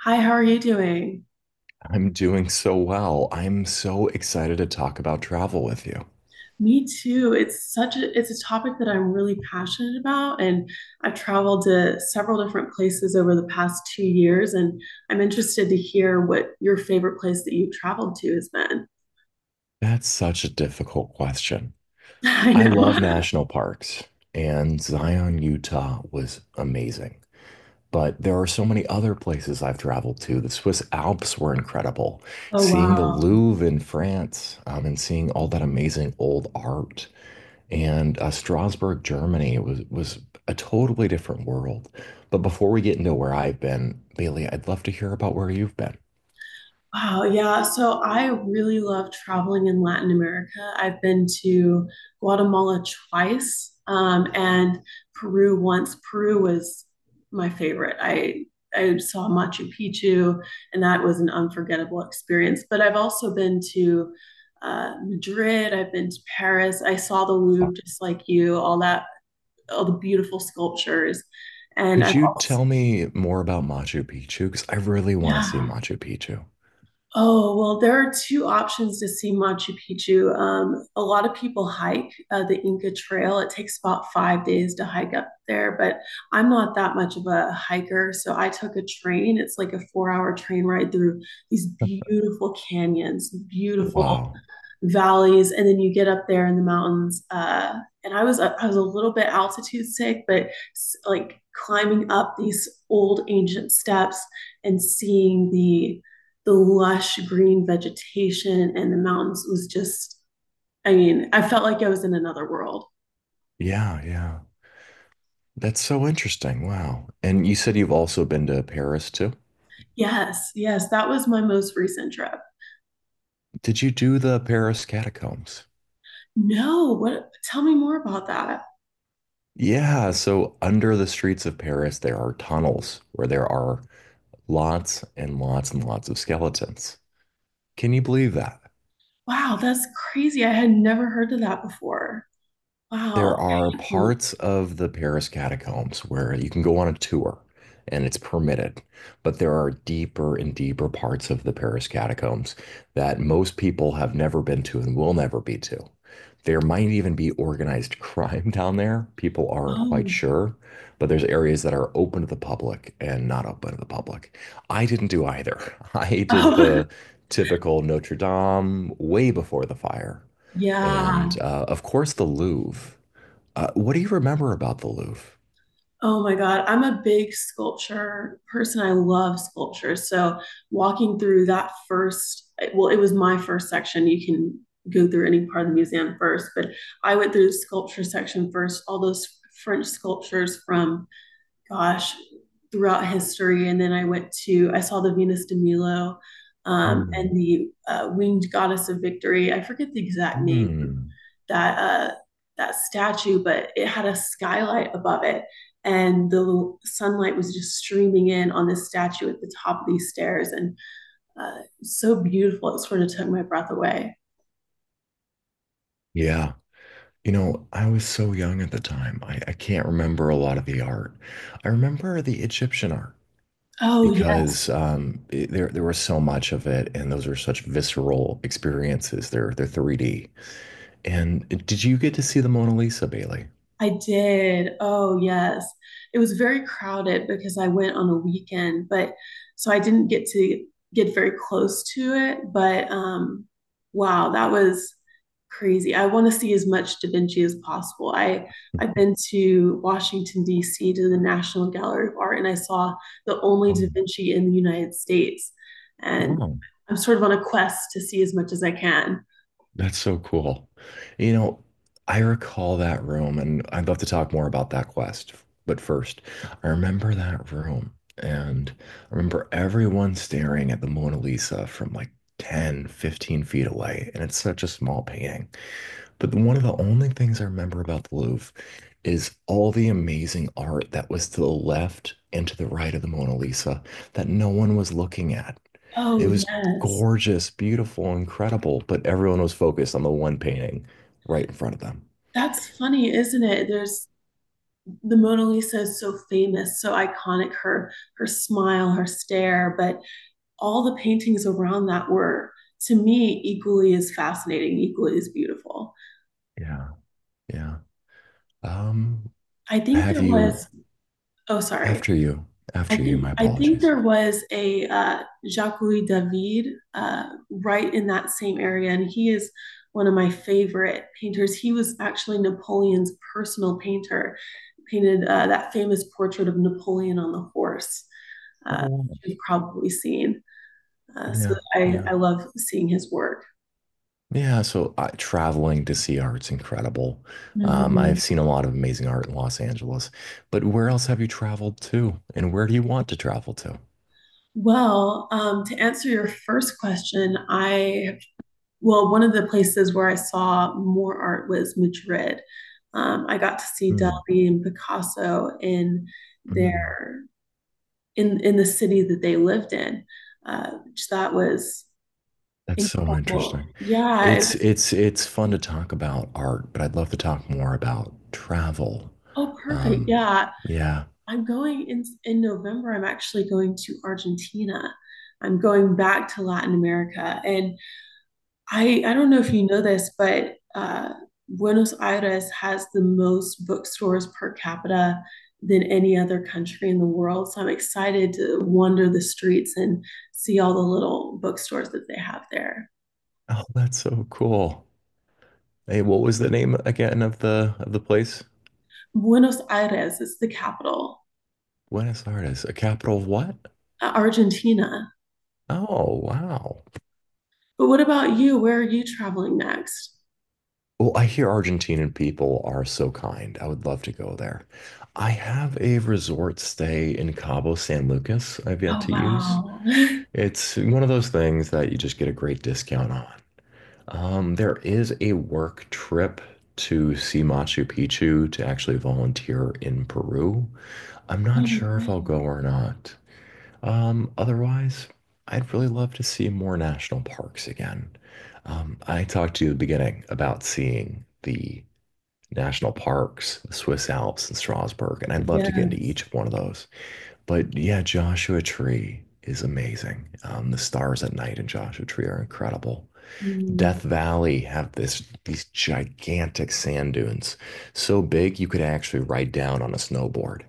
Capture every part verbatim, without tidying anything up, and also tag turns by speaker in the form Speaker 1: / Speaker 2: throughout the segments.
Speaker 1: Hi, how are you doing?
Speaker 2: I'm doing so well. I'm so excited to talk about travel with you.
Speaker 1: Me too. It's such a it's a topic that I'm really passionate about, and I've traveled to several different places over the past two years, and I'm interested to hear what your favorite place that you've traveled to has been.
Speaker 2: That's such a difficult question.
Speaker 1: I
Speaker 2: I
Speaker 1: know.
Speaker 2: love national parks, and Zion, Utah was amazing. But there are so many other places I've traveled to. The Swiss Alps were incredible.
Speaker 1: Oh,
Speaker 2: Seeing the
Speaker 1: wow.
Speaker 2: Louvre in France, um, and seeing all that amazing old art, and uh, Strasbourg, Germany was was a totally different world. But before we get into where I've been, Bailey, I'd love to hear about where you've been.
Speaker 1: Wow, yeah. So I really love traveling in Latin America. I've been to Guatemala twice, um, and Peru once. Peru was my favorite. I I saw Machu Picchu, and that was an unforgettable experience. But I've also been to uh, Madrid. I've been to Paris. I saw the Louvre just like you, all that, all the beautiful sculptures. And
Speaker 2: Could
Speaker 1: I've
Speaker 2: you
Speaker 1: also,
Speaker 2: tell me more about Machu Picchu? Because I really want to see
Speaker 1: yeah.
Speaker 2: Machu Picchu.
Speaker 1: Oh, well, there are two options to see Machu Picchu. Um, a lot of people hike uh, the Inca Trail. It takes about five days to hike up there, but I'm not that much of a hiker. So I took a train. It's like a four hour train ride through these beautiful canyons, beautiful
Speaker 2: Wow.
Speaker 1: valleys, and then you get up there in the mountains. Uh, and I was uh, I was a little bit altitude sick, but like climbing up these old ancient steps and seeing the the lush green vegetation and the mountains was just I mean, I felt like I was in another world.
Speaker 2: Yeah, yeah. That's so interesting. Wow. And you said you've also been to Paris too?
Speaker 1: Yes, yes, that was my most recent trip.
Speaker 2: Did you do the Paris catacombs?
Speaker 1: No, what tell me more about that.
Speaker 2: Yeah, so under the streets of Paris, there are tunnels where there are lots and lots and lots of skeletons. Can you believe that?
Speaker 1: Wow, that's crazy. I had never heard of that before.
Speaker 2: There
Speaker 1: Wow.
Speaker 2: are
Speaker 1: Oh.
Speaker 2: parts of the Paris catacombs where you can go on a tour and it's permitted, but there are deeper and deeper parts of the Paris catacombs that most people have never been to and will never be to. There might even be organized crime down there. People aren't quite
Speaker 1: Oh.
Speaker 2: sure, but there's areas that are open to the public and not open to the public. I didn't do either. I did
Speaker 1: Oh.
Speaker 2: the typical Notre Dame way before the fire.
Speaker 1: Yeah.
Speaker 2: And uh, of course, the Louvre, uh, what do you remember about the Louvre?
Speaker 1: Oh my God. I'm a big sculpture person. I love sculpture. So walking through that first, well, it was my first section. You can go through any part of the museum first, but I went through the sculpture section first, all those French sculptures from, gosh, throughout history. And then I went to, I saw the Venus de Milo um,
Speaker 2: Hmm.
Speaker 1: and the uh, Winged Goddess of Victory. I forget the exact name
Speaker 2: Hmm.
Speaker 1: that uh, that statue, but it had a skylight above it, and the sunlight was just streaming in on this statue at the top of these stairs, and uh, so beautiful. It sort of took my breath away.
Speaker 2: Yeah. You know, I was so young at the time. I, I can't remember a lot of the art. I remember the Egyptian art
Speaker 1: Oh yeah.
Speaker 2: because um, it- there there was so much of it, and those are such visceral experiences. They're they're three D. And uh, did you get to see the Mona Lisa, Bailey?
Speaker 1: I did. Oh, yes. It was very crowded because I went on a weekend, but so I didn't get to get very close to it. But um, wow, that was crazy. I want to see as much Da Vinci as possible. I I've been to Washington D C to the National Gallery of Art, and I saw the only Da
Speaker 2: Wow.
Speaker 1: Vinci in the United States, and
Speaker 2: Wow.
Speaker 1: I'm sort of on a quest to see as much as I can.
Speaker 2: That's so cool. You know, I recall that room, and I'd love to talk more about that quest. But first, I remember that room, and I remember everyone staring at the Mona Lisa from like ten, fifteen feet away. And it's such a small painting. But one of the only things I remember about the Louvre is all the amazing art that was to the left and to the right of the Mona Lisa that no one was looking at.
Speaker 1: Oh,
Speaker 2: It was
Speaker 1: yes.
Speaker 2: gorgeous, beautiful, incredible, but everyone was focused on the one painting right in front of them.
Speaker 1: That's funny, isn't it? There's the Mona Lisa is so famous, so iconic, her her smile, her stare, but all the paintings around that were to me equally as fascinating, equally as beautiful.
Speaker 2: Yeah. Yeah. Um,
Speaker 1: I think
Speaker 2: have
Speaker 1: there
Speaker 2: you,
Speaker 1: was oh sorry.
Speaker 2: after you,
Speaker 1: I
Speaker 2: after you, my
Speaker 1: think I think
Speaker 2: apologies.
Speaker 1: there was a uh, Jacques Louis David uh, right in that same area, and he is one of my favorite painters. He was actually Napoleon's personal painter. Painted uh, that famous portrait of Napoleon on the horse.
Speaker 2: Oh,
Speaker 1: uh,
Speaker 2: wow.
Speaker 1: you've probably seen. Uh, so
Speaker 2: Yeah,
Speaker 1: I,
Speaker 2: yeah.
Speaker 1: I love seeing his work.
Speaker 2: Yeah, so I, traveling to see art's incredible. Um,
Speaker 1: Mm-hmm.
Speaker 2: I've seen a lot of amazing art in Los Angeles, but where else have you traveled to, and where do you want to travel to?
Speaker 1: Well, um, to answer your first question, I well, one of the places where I saw more art was Madrid. Um, I got to see
Speaker 2: Mm,
Speaker 1: Dalí and Picasso in
Speaker 2: mm.
Speaker 1: their in in the city that they lived in, uh, which that was
Speaker 2: That's so
Speaker 1: incredible.
Speaker 2: interesting.
Speaker 1: Yeah, it
Speaker 2: It's
Speaker 1: was
Speaker 2: it's it's fun to talk about art, but I'd love to talk more about travel.
Speaker 1: oh perfect.
Speaker 2: Um,
Speaker 1: Yeah,
Speaker 2: yeah.
Speaker 1: I'm going in in November. I'm actually going to Argentina. I'm going back to Latin America, and I I don't know if you know this, but uh, Buenos Aires has the most bookstores per capita than any other country in the world. So I'm excited to wander the streets and see all the little bookstores that they have there.
Speaker 2: Oh, that's so cool. Hey, what was the name again of the of the place?
Speaker 1: Buenos Aires is the capital,
Speaker 2: Buenos Aires, a capital of what?
Speaker 1: uh, Argentina.
Speaker 2: Oh, wow.
Speaker 1: But what about you? Where are you traveling next?
Speaker 2: Well, I hear Argentinian people are so kind. I would love to go there. I have a resort stay in Cabo San Lucas I've yet
Speaker 1: Oh
Speaker 2: to use.
Speaker 1: wow.
Speaker 2: It's one of those things that you just get a great discount on. Um, there is a work trip to see Machu Picchu to actually volunteer in Peru. I'm
Speaker 1: Oh,
Speaker 2: not sure if I'll
Speaker 1: no.
Speaker 2: go or not. Um, otherwise, I'd really love to see more national parks again. Um, I talked to you at the beginning about seeing the national parks, the Swiss Alps, and Strasbourg. And I'd love to get into
Speaker 1: Yes.
Speaker 2: each one of those. But yeah, Joshua Tree is amazing. Um, the stars at night in Joshua Tree are incredible.
Speaker 1: Mm.
Speaker 2: Death Valley have this these gigantic sand dunes, so big you could actually ride down on a snowboard.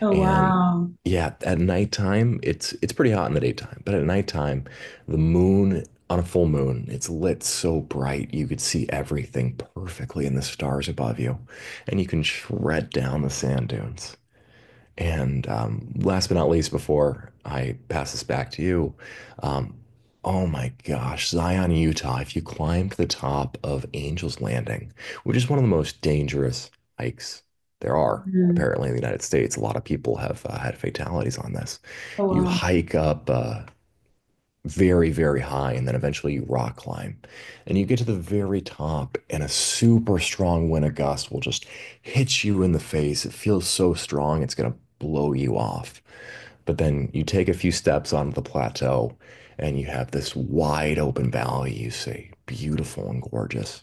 Speaker 1: Oh,
Speaker 2: And
Speaker 1: wow.
Speaker 2: yeah, at nighttime, it's it's pretty hot in the daytime, but at nighttime, the moon on a full moon, it's lit so bright you could see everything perfectly in the stars above you, and you can shred down the sand dunes. And um, last but not least, before I pass this back to you, um, oh my gosh, Zion, Utah, if you climb to the top of Angel's Landing, which is one of the most dangerous hikes there are,
Speaker 1: Mm.
Speaker 2: apparently, in the United States, a lot of people have uh, had fatalities on this.
Speaker 1: Oh,
Speaker 2: You
Speaker 1: wow.
Speaker 2: hike up uh, very, very high, and then eventually you rock climb. And you get to the very top, and a super strong wind of gust will just hit you in the face. It feels so strong, it's gonna blow you off. But then you take a few steps onto the plateau, and you have this wide open valley you see, beautiful and gorgeous.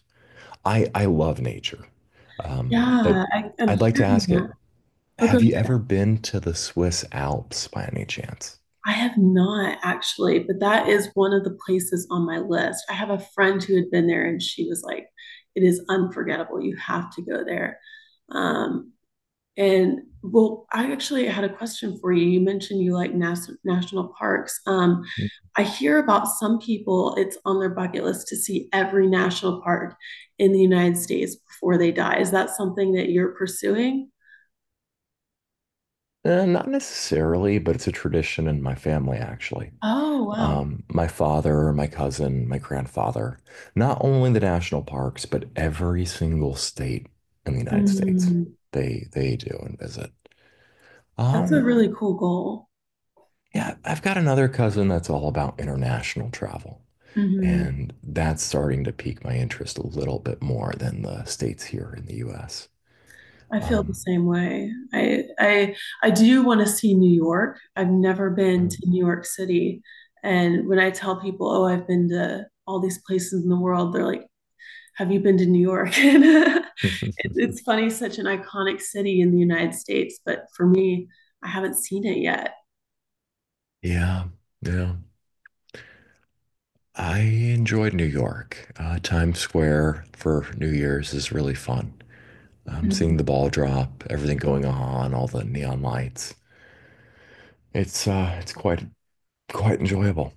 Speaker 2: I, I love nature. Um, but
Speaker 1: Yeah, I, I'm
Speaker 2: I'd like to
Speaker 1: hearing
Speaker 2: ask it,
Speaker 1: that. Oh, good.
Speaker 2: have you ever been to the Swiss Alps by any chance?
Speaker 1: I have not actually, but that is one of the places on my list. I have a friend who had been there and she was like, it is unforgettable. You have to go there. Um, And well, I actually had a question for you. You mentioned you like nas- national parks. Um, I hear about some people, it's on their bucket list to see every national park in the United States before they die. Is that something that you're pursuing?
Speaker 2: Eh, not necessarily, but it's a tradition in my family, actually.
Speaker 1: Oh, wow.
Speaker 2: Um, my father, my cousin, my grandfather, not only the national parks, but every single state in the United States,
Speaker 1: Mhm.
Speaker 2: they they do and visit.
Speaker 1: That's a
Speaker 2: Um,
Speaker 1: really cool goal.
Speaker 2: yeah, I've got another cousin that's all about international travel, and that's starting to pique my interest a little bit more than the states here in the U S.
Speaker 1: I feel the
Speaker 2: Um,
Speaker 1: same way. I I I do want to see New York. I've never been to New York City. And when I tell people, "Oh, I've been to all these places in the world," they're like, "Have you been to New York?" And it's funny, such an iconic city in the United States, but for me, I haven't seen it yet.
Speaker 2: Yeah, yeah. I enjoyed New York. Uh, Times Square for New Year's is really fun. Um,
Speaker 1: Mhm.
Speaker 2: seeing the ball drop, everything going on, all the neon lights. It's uh, it's quite quite enjoyable.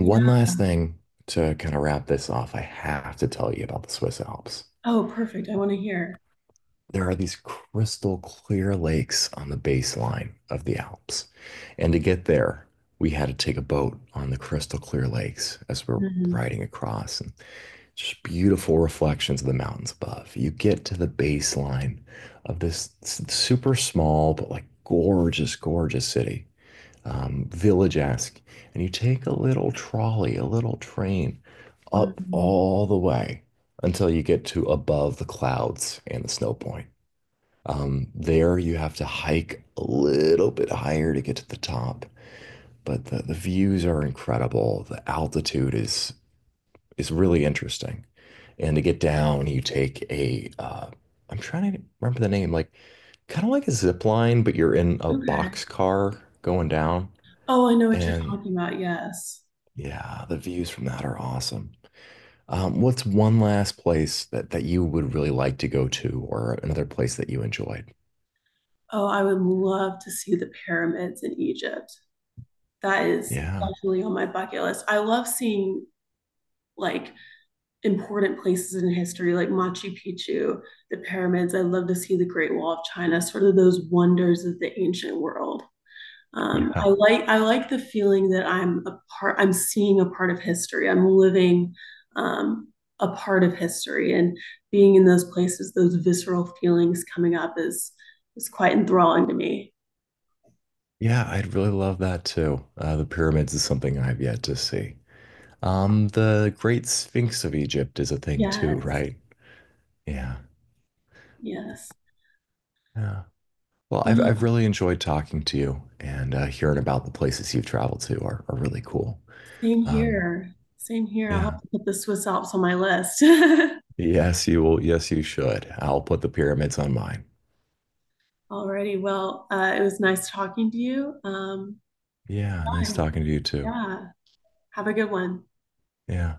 Speaker 1: Yeah.
Speaker 2: last thing to kind of wrap this off, I have to tell you about the Swiss Alps.
Speaker 1: Oh, perfect. I want to hear.
Speaker 2: There are these crystal clear lakes on the baseline of the Alps. And to get there, we had to take a boat on the crystal clear lakes as we're
Speaker 1: Mhm.
Speaker 2: riding across. And just beautiful reflections of the mountains above. You get to the baseline of this super small but like gorgeous, gorgeous city, um, village-esque, and you take a little trolley, a little train up
Speaker 1: Mhm.
Speaker 2: all the way until you get to above the clouds and the snow point. Um, there you have to hike a little bit higher to get to the top, but the, the views are incredible. The altitude is is really interesting. And to get down, you take a uh, I'm trying to remember the name, like kind of like a zip line, but you're in a
Speaker 1: Okay.
Speaker 2: box car going down.
Speaker 1: Oh, I know what you're
Speaker 2: And
Speaker 1: talking about. Yes.
Speaker 2: yeah, the views from that are awesome. Um, what's one last place that that you would really like to go to, or another place that you enjoyed?
Speaker 1: Oh, I would love to see the pyramids in Egypt. That is
Speaker 2: Yeah,
Speaker 1: definitely on my bucket list. I love seeing like important places in history, like Machu Picchu, the pyramids. I love to see the Great Wall of China, sort of those wonders of the ancient world. Um, I
Speaker 2: yeah,
Speaker 1: like I like the feeling that I'm a part. I'm seeing a part of history. I'm living um, a part of history, and being in those places, those visceral feelings coming up is is quite enthralling to me.
Speaker 2: yeah. I'd really love that too. Uh, the pyramids is something I've yet to see. Um, the Great Sphinx of Egypt is a thing too,
Speaker 1: Yes,
Speaker 2: right? Yeah,
Speaker 1: yes.
Speaker 2: yeah. Well, I've, I've
Speaker 1: Wow.
Speaker 2: really enjoyed talking to you and uh, hearing about the places you've traveled to are, are really cool.
Speaker 1: Same
Speaker 2: Um,
Speaker 1: here. Same here. I'll
Speaker 2: yeah.
Speaker 1: have to put the Swiss Alps on my list.
Speaker 2: Yes, you will. Yes, you should. I'll put the pyramids on mine.
Speaker 1: Alrighty. Well, uh, it was nice talking to you. Um,
Speaker 2: Yeah. Nice
Speaker 1: bye.
Speaker 2: talking to you too.
Speaker 1: Yeah. Have a good one.
Speaker 2: Yeah.